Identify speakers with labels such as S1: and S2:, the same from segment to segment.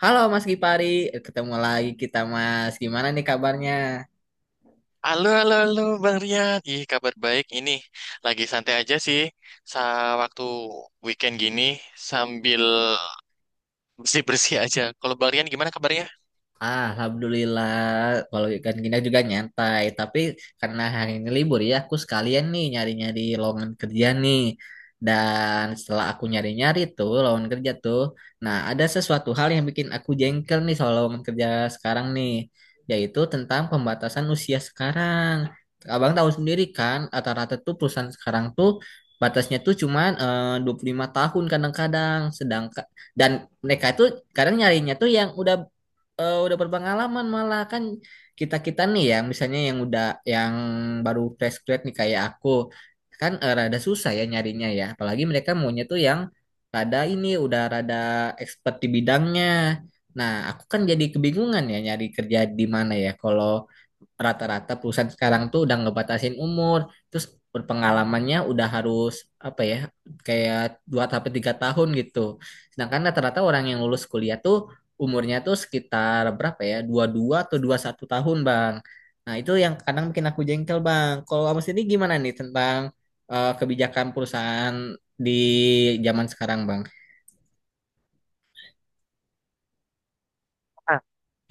S1: Halo Mas Gipari, ketemu lagi kita Mas. Gimana nih kabarnya?
S2: Halo, halo, halo, Bang Rian. Ih, kabar baik ini. Lagi santai aja sih. Sa waktu weekend gini sambil bersih-bersih aja. Kalau Bang Rian gimana kabarnya?
S1: Ah, Alhamdulillah, kalau ikan gini juga nyantai. Tapi karena hari ini libur ya, aku sekalian nih nyari-nyari lowongan kerja nih. Dan setelah aku nyari-nyari tuh lowongan kerja tuh, nah ada sesuatu hal yang bikin aku jengkel nih soal lowongan kerja sekarang nih, yaitu tentang pembatasan usia sekarang. Abang tahu sendiri kan, rata-rata tuh perusahaan sekarang tuh batasnya tuh cuman 25 tahun kadang-kadang, sedangkan dan mereka itu kadang nyarinya tuh yang udah udah berpengalaman malah kan kita-kita nih yang misalnya yang udah yang baru fresh grad nih kayak aku kan rada susah ya nyarinya ya apalagi mereka maunya tuh yang rada ini udah rada expert di bidangnya. Nah aku kan jadi kebingungan ya nyari kerja di mana ya kalau rata-rata perusahaan sekarang tuh udah ngebatasin umur, terus berpengalamannya udah harus apa ya, kayak 2 sampai 3 tahun gitu. Sedangkan rata-rata orang yang lulus kuliah tuh umurnya tuh sekitar berapa ya? Dua puluh dua atau dua puluh satu tahun, Bang. Nah, itu yang kadang bikin aku jengkel, Bang. Kalau Abang sendiri gimana nih tentang kebijakan perusahaan di zaman sekarang, Bang?
S2: Ah.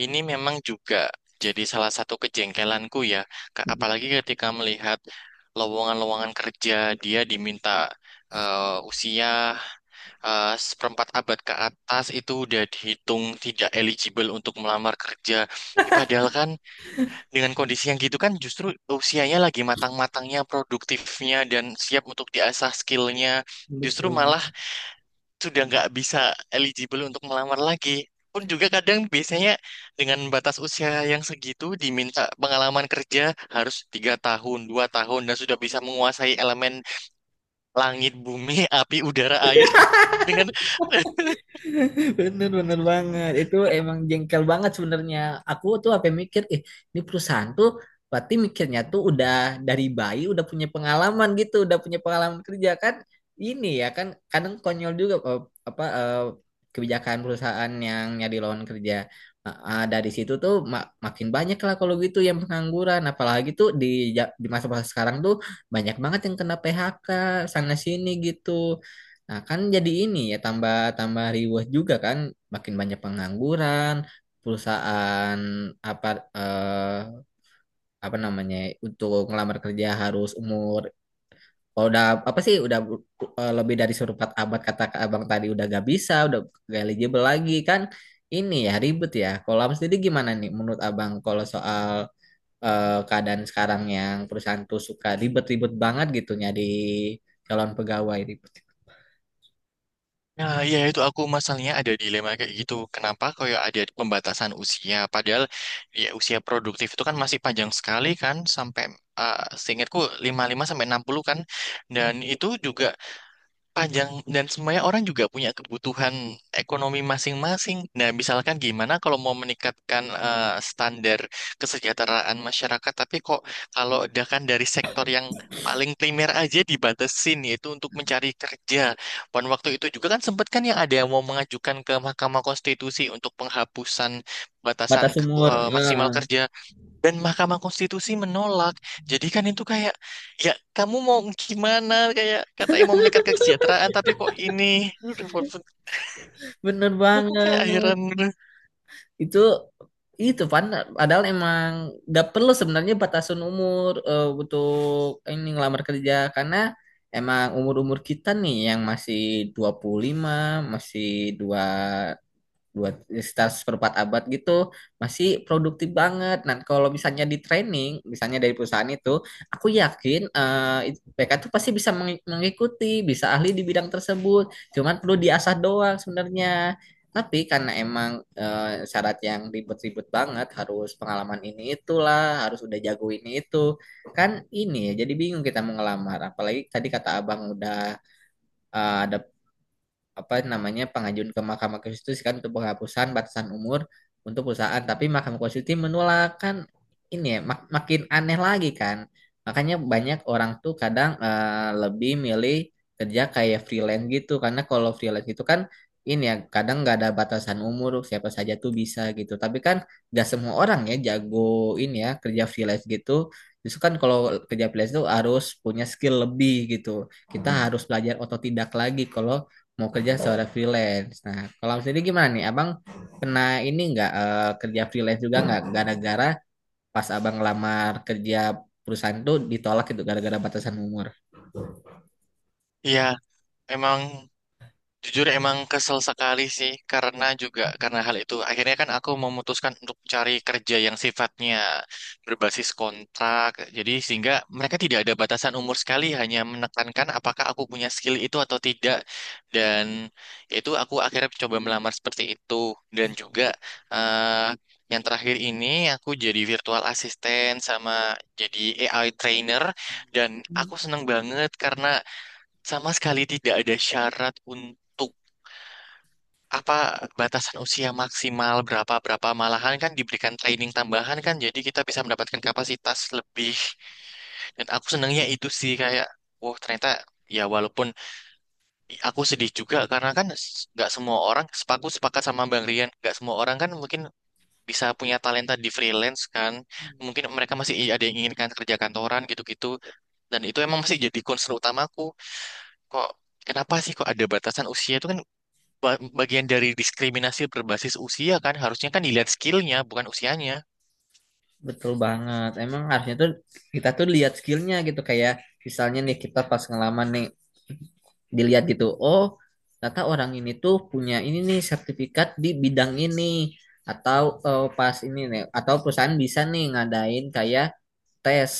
S2: Ini memang juga jadi salah satu kejengkelanku ya. Apalagi ketika melihat lowongan-lowongan kerja dia diminta eh, usia seperempat abad ke atas itu udah dihitung tidak eligible untuk melamar kerja. Ih, padahal kan, dengan kondisi yang gitu kan justru usianya lagi matang-matangnya, produktifnya, dan siap untuk diasah skillnya. Justru
S1: Betul.
S2: malah sudah nggak bisa eligible untuk melamar lagi. Pun juga kadang biasanya dengan batas usia yang segitu diminta pengalaman kerja harus 3 tahun, 2 tahun, dan sudah bisa menguasai elemen langit, bumi, api, udara, air. Dengan
S1: Bener bener banget. Itu emang jengkel banget sebenarnya. Aku tuh apa yang mikir, ini perusahaan tuh berarti mikirnya tuh udah dari bayi udah punya pengalaman gitu, udah punya pengalaman kerja kan. Ini ya kan kadang konyol juga apa kebijakan perusahaan yang nyari lawan kerja. Nah, ah, dari situ tuh makin banyak lah kalau gitu yang pengangguran. Apalagi tuh di di masa-masa sekarang tuh banyak banget yang kena PHK sana sini gitu. Nah, kan jadi ini ya tambah tambah riweh juga kan, makin banyak pengangguran, perusahaan apa eh, apa namanya untuk ngelamar kerja harus umur kalau udah apa sih udah lebih dari seperempat abad kata Kak Abang tadi udah gak bisa, udah gak eligible lagi kan. Ini ya ribet ya. Kalau Abang sendiri gimana nih menurut Abang kalau soal keadaan sekarang yang perusahaan tuh suka ribet-ribet banget gitu nyari calon pegawai ribet.
S2: Nah, ya itu aku masalahnya ada dilema kayak gitu. Kenapa kayak ada pembatasan usia? Padahal ya usia produktif itu kan masih panjang sekali kan sampai seingatku 55 sampai 60 kan. Dan itu juga panjang dan semuanya orang juga punya kebutuhan ekonomi masing-masing. Nah, misalkan gimana kalau mau meningkatkan standar kesejahteraan masyarakat, tapi kok kalau udah kan dari sektor yang paling primer aja dibatasin yaitu untuk mencari kerja. Pada waktu itu juga kan sempat kan yang ada yang mau mengajukan ke Mahkamah Konstitusi untuk penghapusan batasan
S1: Batas umur.
S2: maksimal kerja dan Mahkamah Konstitusi menolak. Jadi kan itu kayak, ya kamu mau gimana? Kayak katanya mau meningkat kesejahteraan, tapi kok ini? Aduh,
S1: Bener banget.
S2: aku kayak heran.
S1: Itu itu padahal emang gak perlu sebenarnya batasan umur untuk ini ngelamar kerja karena emang umur-umur kita nih yang masih 25 masih dua buat sekitar seperempat abad gitu masih produktif banget. Nah, kalau misalnya di training, misalnya dari perusahaan itu, aku yakin mereka tuh pasti bisa mengikuti, bisa ahli di bidang tersebut. Cuman perlu diasah doang sebenarnya. Tapi karena emang syarat yang ribet-ribet banget, harus pengalaman ini itulah, harus udah jago ini itu, kan ini ya. Jadi bingung kita mau ngelamar. Apalagi tadi kata abang udah ada apa namanya pengajuan ke Mahkamah Konstitusi kan untuk penghapusan batasan umur untuk perusahaan tapi Mahkamah Konstitusi menolak kan ini ya makin aneh lagi kan makanya banyak orang tuh kadang lebih milih kerja kayak freelance gitu karena kalau freelance itu kan ini ya kadang nggak ada batasan umur siapa saja tuh bisa gitu tapi kan nggak semua orang ya jago ini ya kerja freelance gitu justru kan kalau kerja freelance tuh harus punya skill lebih gitu kita harus belajar otodidak lagi kalau mau kerja seorang freelance. Nah, kalau sendiri gimana nih? Abang kena ini nggak kerja freelance juga nggak gara-gara pas abang ngelamar kerja perusahaan tuh ditolak gitu gara-gara batasan umur.
S2: Ya, emang. Jujur emang kesel sekali sih karena juga karena hal itu akhirnya kan aku memutuskan untuk cari kerja yang sifatnya berbasis kontrak. Jadi sehingga mereka tidak ada batasan umur sekali hanya menekankan apakah aku punya skill itu atau tidak. Dan itu aku akhirnya coba melamar seperti itu dan juga, eh, yang terakhir ini aku jadi virtual assistant sama jadi AI trainer. Dan aku seneng banget karena sama sekali tidak ada syarat untuk apa batasan usia maksimal berapa berapa, malahan kan diberikan training tambahan kan jadi kita bisa mendapatkan kapasitas lebih. Dan aku senangnya itu sih kayak wow, ternyata ya walaupun aku sedih juga karena kan nggak semua orang sepakat sama Bang Rian, nggak semua orang kan mungkin bisa punya talenta di freelance kan, mungkin mereka masih ada yang inginkan kerja kantoran gitu-gitu. Dan itu emang masih jadi concern utamaku, kok kenapa sih kok ada batasan usia itu kan bagian dari diskriminasi berbasis usia kan harusnya kan dilihat skillnya bukan usianya.
S1: Betul banget. Emang harusnya tuh kita tuh lihat skillnya gitu kayak misalnya nih kita pas ngelamar nih dilihat gitu. Oh, ternyata orang ini tuh punya ini nih sertifikat di bidang ini atau pas ini nih atau perusahaan bisa nih ngadain kayak tes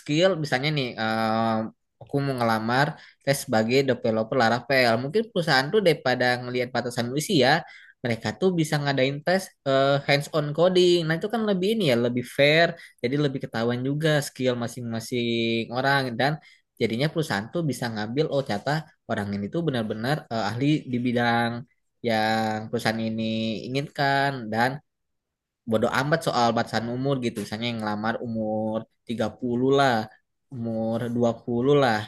S1: skill misalnya nih aku mau ngelamar tes sebagai developer Laravel mungkin perusahaan tuh daripada ngelihat batasan usia mereka tuh bisa ngadain tes hands on coding nah itu kan lebih ini ya lebih fair jadi lebih ketahuan juga skill masing-masing orang dan jadinya perusahaan tuh bisa ngambil oh ternyata orang ini tuh benar-benar ahli di bidang yang perusahaan ini inginkan dan bodo amat soal batasan umur gitu. Misalnya yang ngelamar umur 30 lah, umur 20 lah.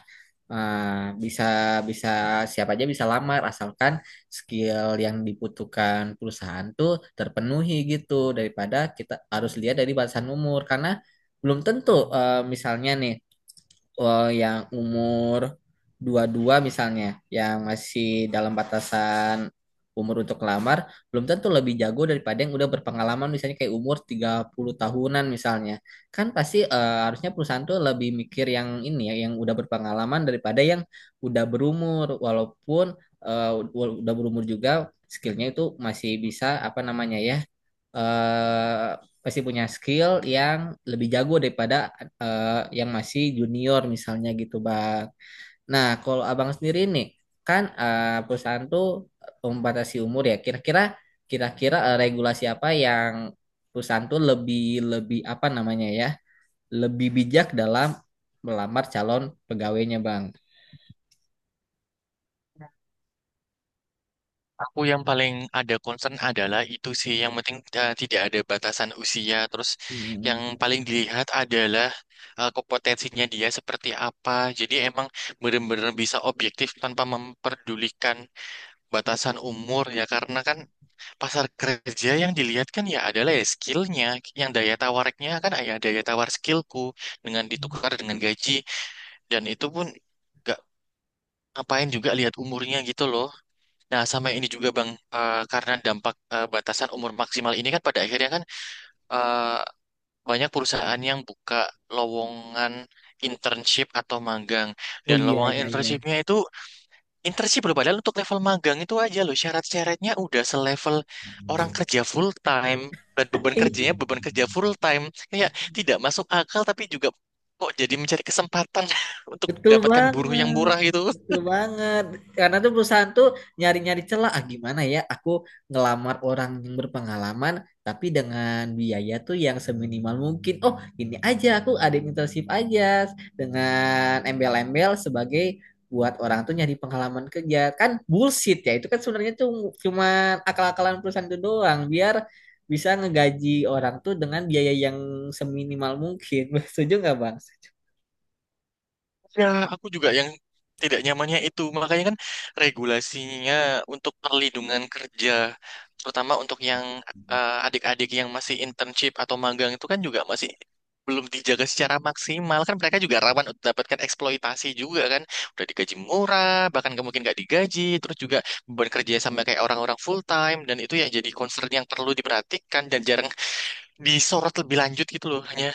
S1: Ah, bisa bisa siapa aja bisa lamar asalkan skill yang dibutuhkan perusahaan tuh terpenuhi gitu daripada kita harus lihat dari batasan umur karena belum tentu misalnya nih yang umur 22 misalnya, yang masih dalam batasan umur untuk lamar, belum tentu lebih jago daripada yang udah berpengalaman misalnya kayak umur 30 tahunan misalnya. Kan pasti harusnya perusahaan tuh lebih mikir yang ini ya, yang udah berpengalaman daripada yang udah berumur walaupun udah berumur juga skillnya itu masih bisa apa namanya ya eh pasti punya skill yang lebih jago daripada eh, yang masih junior misalnya gitu bang. Nah kalau abang sendiri nih kan perusahaan tuh membatasi umur ya. Kira-kira regulasi apa yang perusahaan tuh lebih lebih apa namanya ya lebih bijak dalam melamar calon pegawainya bang.
S2: Aku yang paling ada concern adalah itu sih yang penting tidak ada batasan usia. Terus yang
S1: Hmm.
S2: paling dilihat adalah kompetensinya dia seperti apa. Jadi emang benar-benar bisa objektif tanpa memperdulikan batasan umur ya. Karena kan pasar kerja yang dilihat kan ya adalah ya skillnya, yang daya tawariknya kan ya daya tawar skillku dengan ditukar dengan gaji. Dan itu pun nggak ngapain juga lihat umurnya gitu loh. Nah, sama ini juga Bang, karena dampak batasan umur maksimal ini kan pada akhirnya kan eh, banyak perusahaan yang buka lowongan internship atau magang.
S1: Oh
S2: Dan
S1: iya,
S2: lowongan
S1: iya, iya.
S2: internshipnya itu internship loh, padahal untuk level magang itu aja loh syarat-syaratnya udah selevel orang kerja full time dan beban kerjanya beban kerja full time. Kayak tidak masuk akal tapi juga kok jadi mencari kesempatan untuk
S1: Betul
S2: mendapatkan buruh yang
S1: banget,
S2: murah gitu.
S1: betul banget. Karena tuh perusahaan tuh nyari-nyari celah. Ah, gimana ya? Aku ngelamar orang yang berpengalaman, tapi dengan biaya tuh yang seminimal mungkin. Oh, ini aja aku ada internship aja dengan embel-embel sebagai buat orang tuh nyari pengalaman kerja. Kan bullshit ya. Itu kan sebenarnya tuh cuma akal-akalan perusahaan itu doang. Biar bisa ngegaji orang tuh dengan biaya yang seminimal mungkin. Setuju nggak, Bang?
S2: Ya, aku juga yang tidak nyamannya itu. Makanya kan regulasinya untuk perlindungan kerja, terutama untuk yang adik-adik yang masih internship atau magang itu kan juga masih belum dijaga secara maksimal. Kan mereka juga rawan untuk mendapatkan eksploitasi juga kan. Udah digaji murah, bahkan nggak mungkin nggak digaji, terus juga beban kerja sama kayak orang-orang full time, dan itu ya jadi concern yang perlu diperhatikan dan jarang disorot lebih lanjut gitu loh.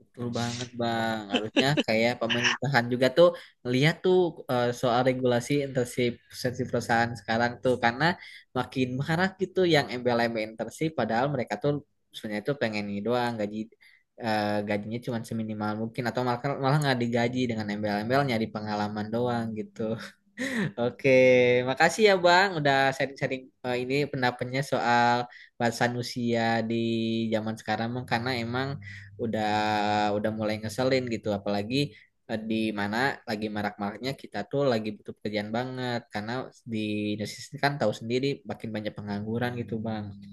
S1: Betul banget Bang. Harusnya kayak pemerintahan juga tuh ngeliat tuh soal regulasi internship internship perusahaan sekarang tuh karena makin marak gitu yang embel-embel internship padahal mereka tuh sebenarnya tuh pengen ini doang gaji gajinya cuma seminimal mungkin atau malah malah nggak digaji dengan embel-embelnya di pengalaman doang gitu. Oke, makasih ya Bang udah sharing-sharing ini pendapatnya soal bahasa Nusia di zaman sekarang Bang karena emang udah udah mulai ngeselin gitu apalagi di mana lagi marak-maraknya kita tuh lagi butuh pekerjaan banget karena di Indonesia sendiri kan tahu sendiri makin banyak pengangguran gitu Bang.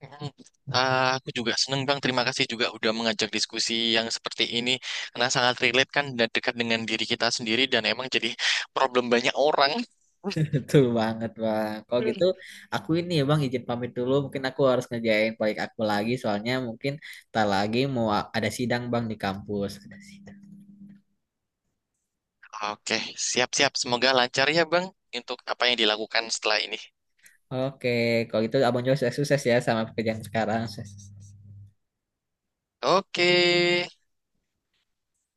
S2: Mm. Ah, aku juga seneng Bang, terima kasih juga udah mengajak diskusi yang seperti ini karena sangat relate kan dan dekat dengan diri kita sendiri dan emang jadi problem banyak orang.
S1: Betul banget Bang. Kalau
S2: Mm.
S1: gitu aku ini ya Bang izin pamit dulu mungkin aku harus ngerjain proyek aku lagi soalnya mungkin tak lagi mau ada sidang Bang di kampus. Ada sidang.
S2: Oke, siap-siap. Semoga lancar ya Bang untuk apa yang dilakukan setelah ini.
S1: Oke, kalau gitu Abang juga sukses, sukses ya sama pekerjaan sekarang. Sukses.
S2: Oke.